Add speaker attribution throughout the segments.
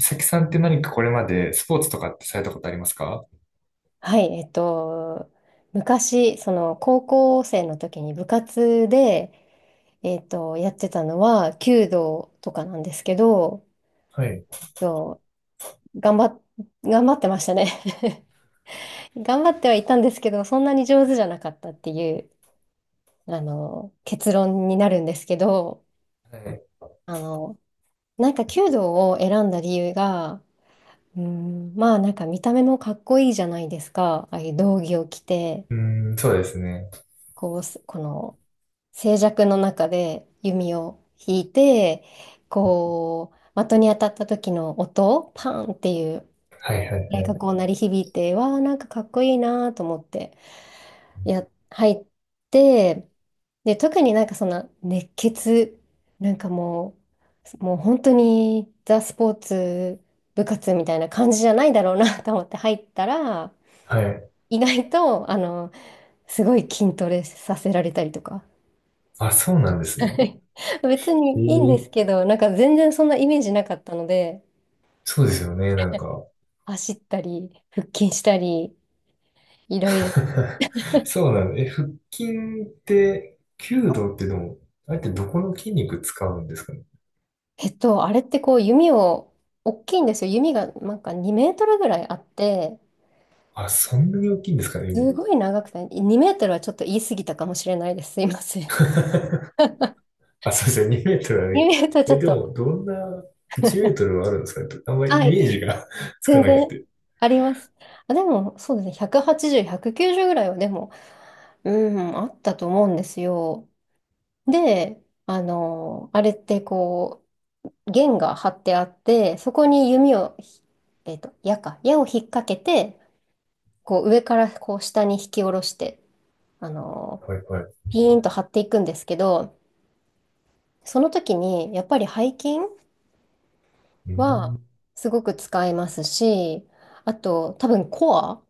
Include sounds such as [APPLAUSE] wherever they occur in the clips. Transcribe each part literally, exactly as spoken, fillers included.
Speaker 1: さきさんって何かこれまでスポーツとかってされたことありますか？
Speaker 2: はい、えっと、昔、その高校生の時に部活で、えっと、やってたのは弓道とかなんですけど、
Speaker 1: はい。
Speaker 2: そう、頑張っ、頑張ってましたね。 [LAUGHS] 頑張ってはいたんですけど、そんなに上手じゃなかったっていう、あの、結論になるんですけど、
Speaker 1: はい。
Speaker 2: あの、なんか弓道を選んだ理由が、うーん、まあなんか見た目もかっこいいじゃないですか、ああいう道着を着て、
Speaker 1: うーん、そうですね。
Speaker 2: こうす、この、静寂の中で弓を引いて、こう、的に当たった時の音、パンっていう
Speaker 1: はいは
Speaker 2: 音
Speaker 1: い
Speaker 2: がこう鳴り響いて、わあ、なんかかっこいいなと思って、や、入って、で、特になんかその熱血、なんかもう、もう本当にザ・スポーツ部活みたいな感じじゃないだろうな [LAUGHS] と思って入ったら、
Speaker 1: はい。はい。
Speaker 2: 意外と、あの、すごい筋トレさせられたりとか。
Speaker 1: あ、そうなんです
Speaker 2: は
Speaker 1: ね。
Speaker 2: い。 [LAUGHS] 別
Speaker 1: え
Speaker 2: にいいんです
Speaker 1: ー、
Speaker 2: けど、なんか全然そんなイメージなかったので、
Speaker 1: そうですよね、なんか。
Speaker 2: 走ったり、腹筋したり、いろいろ。
Speaker 1: [LAUGHS] そうなの。え、腹筋って、弓
Speaker 2: はい。
Speaker 1: 道ってでも、あれってどこの筋肉使うんですかね。
Speaker 2: えっと、あれってこう弓を、大きいんですよ。弓がなんかにメートルぐらいあって、
Speaker 1: あ、そんなに大きいんですかね、今。
Speaker 2: すごい長くて、にメートルはちょっと言い過ぎたかもしれないです。すいません。
Speaker 1: [LAUGHS] あ、そうですよ、にメートルあ
Speaker 2: 2
Speaker 1: れ。
Speaker 2: メートルちょ
Speaker 1: え、
Speaker 2: っ
Speaker 1: で
Speaker 2: と、
Speaker 1: も、どんな、いちメートルはあるんですかね。あんまり
Speaker 2: は
Speaker 1: イメー
Speaker 2: い、
Speaker 1: ジが [LAUGHS] つか
Speaker 2: 全
Speaker 1: なく
Speaker 2: 然
Speaker 1: て。
Speaker 2: あります。あ、でも、そうですね、ひゃくはちじゅう、ひゃくきゅうじゅうぐらいはでも、うん、あったと思うんですよ。で、あの、あれってこう、弦が張ってあって、そこに弓をひ、えっと、矢か、矢を引っ掛けて、こう上からこう下に引き下ろして、あのー
Speaker 1: はいはい。
Speaker 2: ピーンと張っていくんですけど、その時にやっぱり背筋
Speaker 1: うー
Speaker 2: は
Speaker 1: ん。
Speaker 2: すごく使えますし、あと多分コア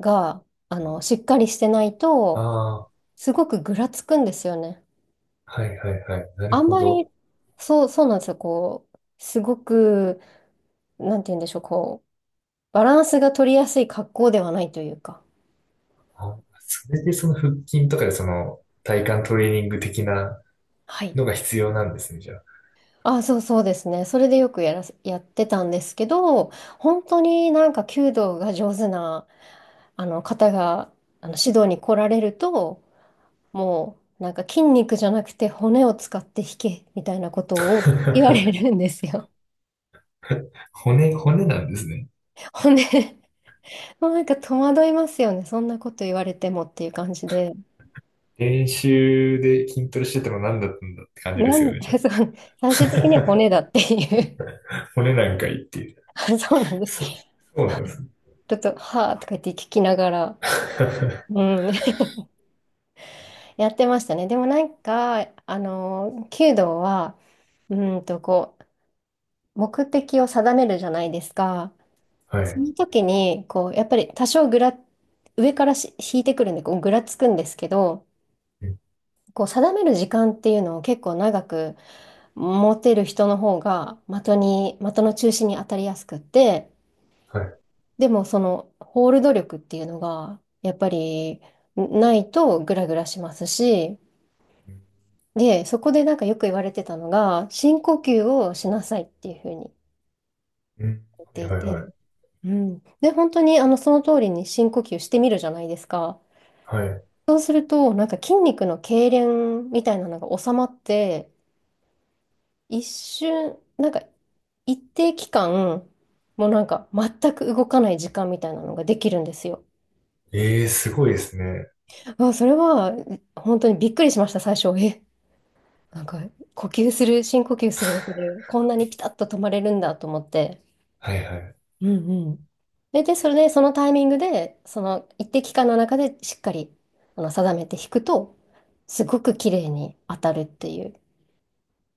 Speaker 2: が、あの、しっかりしてない
Speaker 1: あ
Speaker 2: と、
Speaker 1: あ、
Speaker 2: すごくぐらつくんですよね。
Speaker 1: はいはいはい。な
Speaker 2: あ
Speaker 1: る
Speaker 2: ん
Speaker 1: ほ
Speaker 2: ま
Speaker 1: ど。
Speaker 2: り、そう、そうなんですよ。こう、すごく、なんて言うんでしょう、こう、バランスが取りやすい格好ではないというか。
Speaker 1: あ、それでその腹筋とかでその体幹トレーニング的な
Speaker 2: はい。
Speaker 1: のが必要なんですね、じゃあ。
Speaker 2: あ、そうそうですね。それでよくやらせ、やってたんですけど、本当になんか弓道が上手な、あの方が、あの指導に来られると、もうなんか筋肉じゃなくて骨を使って弾け、みたいなことを言われ
Speaker 1: [LAUGHS]
Speaker 2: るんですよ。
Speaker 1: 骨、骨なんですね。
Speaker 2: 骨、もうなんか戸惑いますよね。そんなこと言われてもっていう感じで。
Speaker 1: 練習で筋トレしてたの何だったんだって感じで
Speaker 2: な
Speaker 1: すよ
Speaker 2: ん
Speaker 1: ね、じゃ
Speaker 2: で、 [LAUGHS]
Speaker 1: あ。
Speaker 2: そう、最終的には骨だっていう。
Speaker 1: [LAUGHS] 骨なんかいいっていう。
Speaker 2: [LAUGHS] そうなんです。
Speaker 1: そう、
Speaker 2: ち
Speaker 1: そうなんですね。
Speaker 2: ょっと、はあとか言って聞きながら、う
Speaker 1: [LAUGHS]
Speaker 2: ん、やってましたね。でもなんか、あの、弓道は、うーんと、こう、目的を定めるじゃないですか。
Speaker 1: は
Speaker 2: そ
Speaker 1: い。
Speaker 2: の時に、こう、やっぱり多少ぐら、上からし引いてくるんで、こう、ぐらつくんですけど、
Speaker 1: うん
Speaker 2: こう、定める時間っていうのを結構長く持てる人の方が、的に、的の中心に当たりやすくって、
Speaker 1: はい。
Speaker 2: でもその、ホールド力っていうのが、やっぱり、ないとグラグラしますし、
Speaker 1: うん
Speaker 2: で、そこでなんかよく言われてたのが、深呼吸をしなさいっていうふうに
Speaker 1: うん
Speaker 2: 言っ
Speaker 1: は
Speaker 2: て
Speaker 1: い
Speaker 2: い
Speaker 1: はいは
Speaker 2: て、
Speaker 1: い。
Speaker 2: うん。で、本当にあのその通りに深呼吸してみるじゃないですか。
Speaker 1: はい。
Speaker 2: そうすると、なんか筋肉の痙攣みたいなのが収まって、一瞬、なんか一定期間、もうなんか全く動かない時間みたいなのができるんですよ。
Speaker 1: ええ、すごいですね。
Speaker 2: あ、それは本当にびっくりしました、最初。え、なんか呼吸する、深呼吸するだけでこんなにピタッと止まれるんだと思って。
Speaker 1: はいはい。
Speaker 2: うんうん。で、で、それで、そのタイミングで、その一定期間の中でしっかりあの定めて弾くと、すごく綺麗に当たるっていう。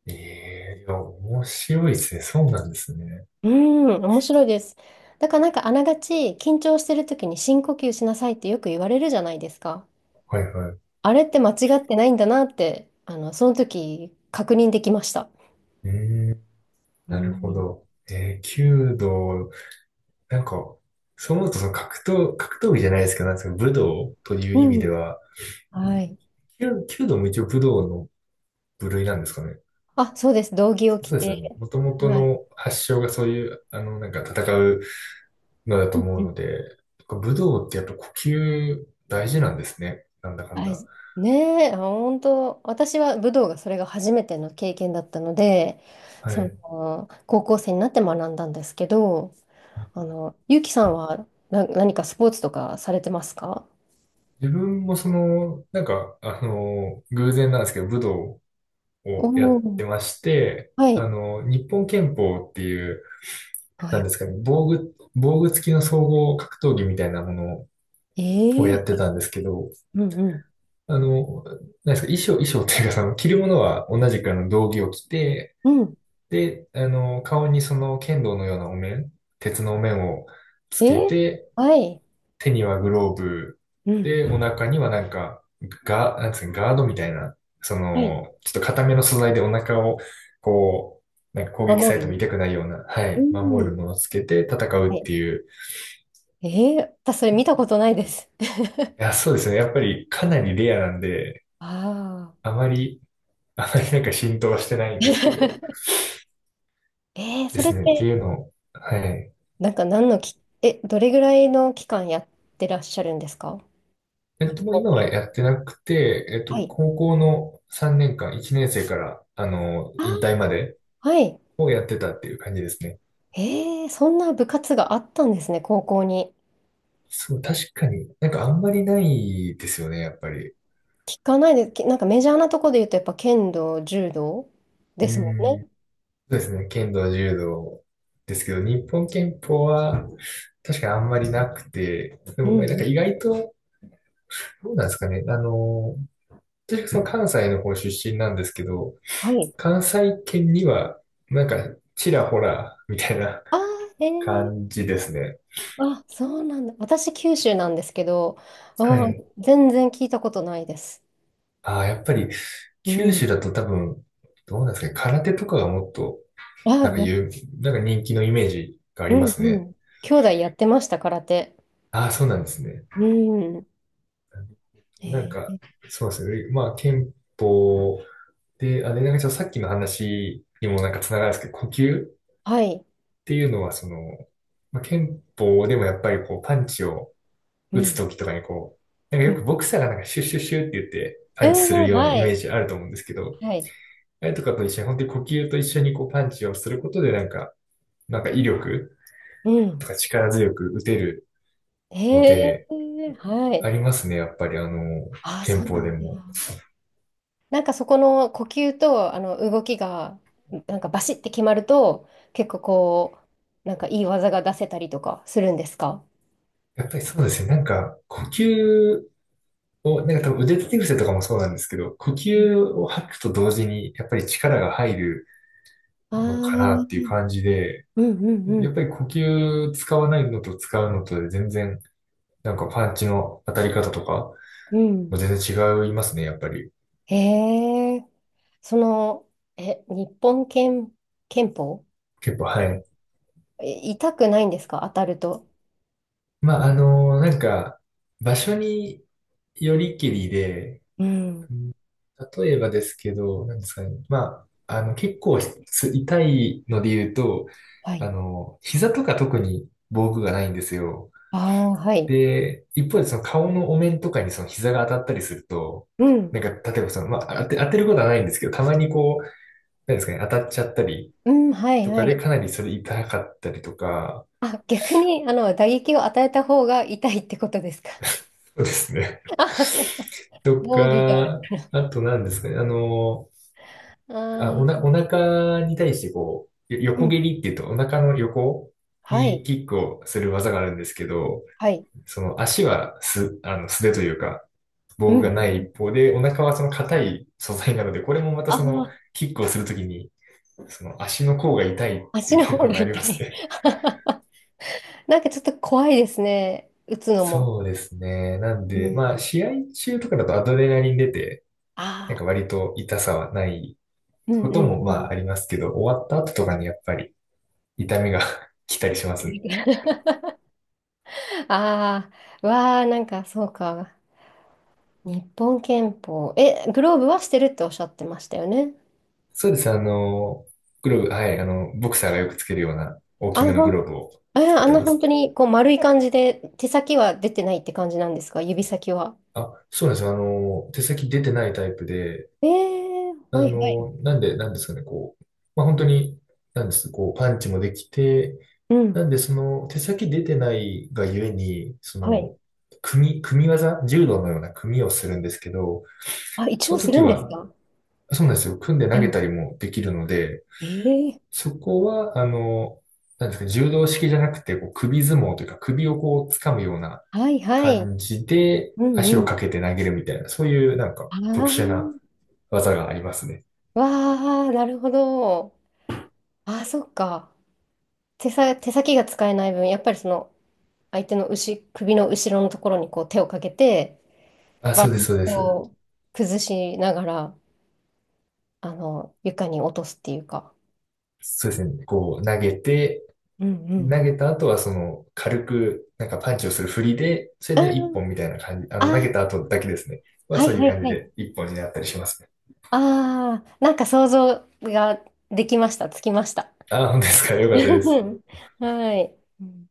Speaker 1: ええ、いや、面白いですね。そうなんですね。
Speaker 2: うん、面白いです。だからなんかあながち緊張してる時に深呼吸しなさいってよく言われるじゃないですか。
Speaker 1: はいはい。
Speaker 2: あれって間違ってないんだなって、あの、その時確認できました。
Speaker 1: ええ、
Speaker 2: う
Speaker 1: なるほ
Speaker 2: ん。
Speaker 1: ど。ええ、弓道、なんか、そう思うと、その格闘、格闘技じゃないですけど、なんですか、武道という
Speaker 2: う
Speaker 1: 意味で
Speaker 2: ん。
Speaker 1: は、
Speaker 2: はい。
Speaker 1: 弓、弓道も一応武道の部類なんですかね。
Speaker 2: あ、そうです。道着を着
Speaker 1: そうです
Speaker 2: て。
Speaker 1: よね。もともと
Speaker 2: はい。
Speaker 1: の発祥がそういう、あの、なんか戦うのだと
Speaker 2: うう
Speaker 1: 思う
Speaker 2: ん、う
Speaker 1: の
Speaker 2: ん、
Speaker 1: で、武道ってやっぱ呼吸大事なんですね。なんだかん
Speaker 2: は
Speaker 1: だ。
Speaker 2: い。ねえ、本当、私は武道がそれが初めての経験だったので、
Speaker 1: は
Speaker 2: そ
Speaker 1: い。
Speaker 2: の、高校生になって学んだんですけど、あの、ゆうきさんはな、何かスポーツとかされてますか？
Speaker 1: 自分もその、なんか、あの、偶然なんですけど、武道をや
Speaker 2: お
Speaker 1: っ
Speaker 2: ー、
Speaker 1: てまして、
Speaker 2: は
Speaker 1: あ
Speaker 2: い。
Speaker 1: の、日本拳法っていう、
Speaker 2: は
Speaker 1: なんで
Speaker 2: い。
Speaker 1: すかね、防具、防具付きの総合格闘技みたいなものを
Speaker 2: え
Speaker 1: やって
Speaker 2: え、
Speaker 1: たんですけど、
Speaker 2: うんうん。
Speaker 1: あの、なんですか、衣装、衣装っていうか、その、着るものは同じくあの、道着を着て、
Speaker 2: うん。
Speaker 1: で、あの、顔にその、剣道のようなお面、鉄のお面をつけ
Speaker 2: ええ、
Speaker 1: て、
Speaker 2: はい。
Speaker 1: 手にはグローブ、
Speaker 2: う
Speaker 1: で、
Speaker 2: ん。
Speaker 1: お腹にはなんか、ガ、なんつうの、ガードみたいな、そ
Speaker 2: はい。
Speaker 1: の、ちょっと硬めの素材でお腹を、こう、なんか攻撃さ
Speaker 2: 守
Speaker 1: れても
Speaker 2: る
Speaker 1: 痛くないような、は
Speaker 2: う
Speaker 1: い、守
Speaker 2: ん。
Speaker 1: るものをつけて戦
Speaker 2: は
Speaker 1: うっ
Speaker 2: い。
Speaker 1: ていう。い
Speaker 2: ええ、私それ見たことないです。[LAUGHS]
Speaker 1: や、そうですね。やっぱりかなりレアなんで、
Speaker 2: ああ。
Speaker 1: あまり、あまりなんか浸透はしてないんですけど、
Speaker 2: [LAUGHS] ええ、
Speaker 1: で
Speaker 2: それ
Speaker 1: す
Speaker 2: って
Speaker 1: ね。っていうのを、はい。
Speaker 2: なんか何のき、え、どれぐらいの期間やってらっしゃるんですか？
Speaker 1: えっ
Speaker 2: 日
Speaker 1: と、もう
Speaker 2: 本。
Speaker 1: 今はやってなくて、えっ
Speaker 2: は
Speaker 1: と、
Speaker 2: い。
Speaker 1: 高校のさんねんかん、いちねん生から、あの、
Speaker 2: あー、
Speaker 1: 引退まで
Speaker 2: はい。
Speaker 1: をやってたっていう感じですね。
Speaker 2: えー、そんな部活があったんですね、高校に。
Speaker 1: そう、確かに、なんかあんまりないですよね、やっぱり。
Speaker 2: 聞かないで、きなんかメジャーなとこで言うと、やっぱ剣道、柔道で
Speaker 1: う
Speaker 2: すもん
Speaker 1: ん。
Speaker 2: ね。
Speaker 1: そうですね、剣道、柔道ですけど、日本拳法は確かにあんまりなくて、で
Speaker 2: う
Speaker 1: も
Speaker 2: んう
Speaker 1: なんか意
Speaker 2: ん。
Speaker 1: 外と、どうなんですかね、あの、私はその関西の方出身なんですけど、
Speaker 2: はい。
Speaker 1: 関西圏には、なんか、ちらほら、みたいな
Speaker 2: あー。え
Speaker 1: 感
Speaker 2: ー、
Speaker 1: じですね。
Speaker 2: あ、そうなんだ。私、九州なんですけど、あ
Speaker 1: は
Speaker 2: ー、
Speaker 1: い。
Speaker 2: 全然聞いたことないです。
Speaker 1: ああ、やっぱり、
Speaker 2: う
Speaker 1: 九州
Speaker 2: ん。
Speaker 1: だと多分、どうなんですかね、空手とかがもっと、
Speaker 2: あ
Speaker 1: なんか
Speaker 2: や、
Speaker 1: 言う、なんか人気のイメージがあ
Speaker 2: う
Speaker 1: りま
Speaker 2: ん
Speaker 1: す
Speaker 2: う
Speaker 1: ね。
Speaker 2: ん。兄弟やってました、空手。
Speaker 1: ああ、そうなんですね。
Speaker 2: うん。
Speaker 1: なん
Speaker 2: え
Speaker 1: か、
Speaker 2: ー
Speaker 1: そうですね。まあ、憲法で、あれ、なんかちょっとさっきの話にもなんかつながるんですけど、呼吸っ
Speaker 2: はい。
Speaker 1: ていうのは、その、まあ、憲法でもやっぱりこう、パンチを
Speaker 2: う
Speaker 1: 打つ
Speaker 2: ん
Speaker 1: ときとかにこう、なん
Speaker 2: う
Speaker 1: かよ
Speaker 2: ん、
Speaker 1: くボクサーがなんかシュッシュッシュッって言って、
Speaker 2: う
Speaker 1: パンチする
Speaker 2: ん、
Speaker 1: ような
Speaker 2: は
Speaker 1: イメー
Speaker 2: い。
Speaker 1: ジあると思うんですけど、
Speaker 2: はい。
Speaker 1: あれとかと一緒に、本当に呼吸と一緒にこう、パンチをすることで、なんか、なんか威力
Speaker 2: う
Speaker 1: と
Speaker 2: ん。
Speaker 1: か力強く打てるの
Speaker 2: へ
Speaker 1: で、
Speaker 2: え、は
Speaker 1: あ
Speaker 2: い。
Speaker 1: りますね、やっぱりあの、
Speaker 2: ああ、そ
Speaker 1: 憲
Speaker 2: うな
Speaker 1: 法
Speaker 2: ん
Speaker 1: で
Speaker 2: だ。
Speaker 1: も。
Speaker 2: なんかそこの呼吸とあの動きが、なんかバシッて決まると、結構こう、なんかいい技が出せたりとかするんですか？
Speaker 1: やっぱりそうですね、なんか、呼吸を、なんか多分腕立て伏せとかもそうなんですけど、呼吸を吐くと同時に、やっぱり力が入る
Speaker 2: ああ
Speaker 1: のかなっていう
Speaker 2: ー。
Speaker 1: 感じで、
Speaker 2: うんうんう
Speaker 1: やっ
Speaker 2: ん。
Speaker 1: ぱり呼吸使わないのと使うのとで全然、なんかパンチの当たり方とか、も
Speaker 2: う
Speaker 1: う
Speaker 2: ん。
Speaker 1: 全然違いますね、やっぱり。
Speaker 2: へえ、その、え、日本憲、憲法、
Speaker 1: 結構、はい。
Speaker 2: え痛くないんですか、当たると？
Speaker 1: まあ、あの、なんか、場所によりきりで、
Speaker 2: うん。
Speaker 1: 例えばですけど、なんですかね。まあ、あの、結構す痛いので言うと、
Speaker 2: は
Speaker 1: あ
Speaker 2: い。
Speaker 1: の、膝とか特に防具がないんですよ。
Speaker 2: ああ、はい。
Speaker 1: で、一方でその顔のお面とかにその膝が当たったりすると、
Speaker 2: うん。
Speaker 1: なんか、例えばその、まあ、当て、当てることはないんですけど、たまにこう、なんですかね、当たっちゃったり
Speaker 2: うん、はい、
Speaker 1: と
Speaker 2: は
Speaker 1: かで
Speaker 2: い。
Speaker 1: かなりそれ痛かったりとか、
Speaker 2: あ、逆に、あの、打撃を与えた方が痛いってことですか？
Speaker 1: そうですね。
Speaker 2: あ。
Speaker 1: [LAUGHS]
Speaker 2: [LAUGHS]
Speaker 1: と
Speaker 2: 防具がある。
Speaker 1: か、あと何ですかね、あの、あ、お
Speaker 2: あ
Speaker 1: な、お腹に対してこう、よ
Speaker 2: ー、う
Speaker 1: 横蹴
Speaker 2: ん。
Speaker 1: りっていうと、お腹の横
Speaker 2: は
Speaker 1: に
Speaker 2: い。
Speaker 1: キックをする技があるんですけど、
Speaker 2: はい。
Speaker 1: その足はす、あの、素手というか、
Speaker 2: う
Speaker 1: 防
Speaker 2: ん
Speaker 1: 具がな
Speaker 2: う
Speaker 1: い
Speaker 2: ん。
Speaker 1: 一方で、お腹はその硬い素材なので、これもまた
Speaker 2: あ
Speaker 1: その、
Speaker 2: あ、
Speaker 1: キックをするときに、その足の甲が痛いって
Speaker 2: 足の
Speaker 1: い
Speaker 2: 方
Speaker 1: うの
Speaker 2: が
Speaker 1: が
Speaker 2: 痛
Speaker 1: あります
Speaker 2: い。
Speaker 1: ね。
Speaker 2: [LAUGHS] なんかちょっと怖いですね。打つのも。
Speaker 1: そうですね。なん
Speaker 2: う
Speaker 1: で、
Speaker 2: ん。
Speaker 1: まあ、試合中とかだとアドレナリン出て、な
Speaker 2: あ
Speaker 1: ん
Speaker 2: あ、
Speaker 1: か割と痛さはない
Speaker 2: うん
Speaker 1: こ
Speaker 2: う
Speaker 1: と
Speaker 2: ん
Speaker 1: も
Speaker 2: う
Speaker 1: ま
Speaker 2: ん。
Speaker 1: あありますけど、終わった後とかにやっぱり痛みが [LAUGHS] 来たりしますね。
Speaker 2: [LAUGHS] ああ、わあ、なんかそうか。日本拳法。え、グローブはしてるっておっしゃってましたよね？
Speaker 1: そうです。あの、グローブ、はい、あの、ボクサーがよくつけるような大き
Speaker 2: あの、
Speaker 1: めの
Speaker 2: ほ
Speaker 1: グロ
Speaker 2: ん、
Speaker 1: ーブを
Speaker 2: え、
Speaker 1: つけ
Speaker 2: あん
Speaker 1: て
Speaker 2: な
Speaker 1: ま
Speaker 2: 本
Speaker 1: す。
Speaker 2: 当にこう丸い感じで、手先は出てないって感じなんですか、指先は？
Speaker 1: あ、そうなんですよ。あの、手先出てないタイプで、
Speaker 2: えーは
Speaker 1: あ
Speaker 2: いはい。
Speaker 1: の、なんで、なんですかね、こう、まあ、本当に、なんです、こう、パンチもできて、
Speaker 2: う
Speaker 1: な
Speaker 2: ん。
Speaker 1: んで、その、手先出てないがゆえに、そ
Speaker 2: はい。
Speaker 1: の、組み、組み技、柔道のような組みをするんですけど、
Speaker 2: あ、一
Speaker 1: そ
Speaker 2: 応
Speaker 1: の
Speaker 2: する
Speaker 1: 時
Speaker 2: んです
Speaker 1: は、
Speaker 2: か？
Speaker 1: そうなんですよ。組んで
Speaker 2: う
Speaker 1: 投げた
Speaker 2: ん。
Speaker 1: りもできるので、
Speaker 2: えー
Speaker 1: そこは、あの、なんですか、柔道式じゃなくて、こう首相撲というか、首をこう掴むような
Speaker 2: はいはい。
Speaker 1: 感じで、
Speaker 2: うん
Speaker 1: 足
Speaker 2: う
Speaker 1: をか
Speaker 2: ん。
Speaker 1: けて投げるみたいな、そういうなんか特殊
Speaker 2: あ
Speaker 1: な技がありますね。
Speaker 2: あ、わあ、なるほど。ああ、そっか。手さ、手先が使えない分、やっぱりその、相手の後、首の後ろのところにこう手をかけて、
Speaker 1: あ、
Speaker 2: バ
Speaker 1: そうで
Speaker 2: ラ
Speaker 1: す、
Speaker 2: ン
Speaker 1: そう
Speaker 2: ス
Speaker 1: です。
Speaker 2: を崩しながら、あの、床に落とすっていうか。
Speaker 1: そうですね。こう、投げて、
Speaker 2: うんうん。
Speaker 1: 投げた後はその、軽く、なんかパンチをする振りで、それ
Speaker 2: う
Speaker 1: で一
Speaker 2: ん。
Speaker 1: 本みたいな感じ、あの、投
Speaker 2: あ、
Speaker 1: げた後だけですね。は、
Speaker 2: は
Speaker 1: そ
Speaker 2: い
Speaker 1: うい
Speaker 2: は
Speaker 1: う
Speaker 2: い
Speaker 1: 感じ
Speaker 2: はい。
Speaker 1: で一本になったりしますね。
Speaker 2: ああ、なんか想像ができました。つきました。
Speaker 1: あ、本当ですか。よかったです。
Speaker 2: [LAUGHS] はい。うん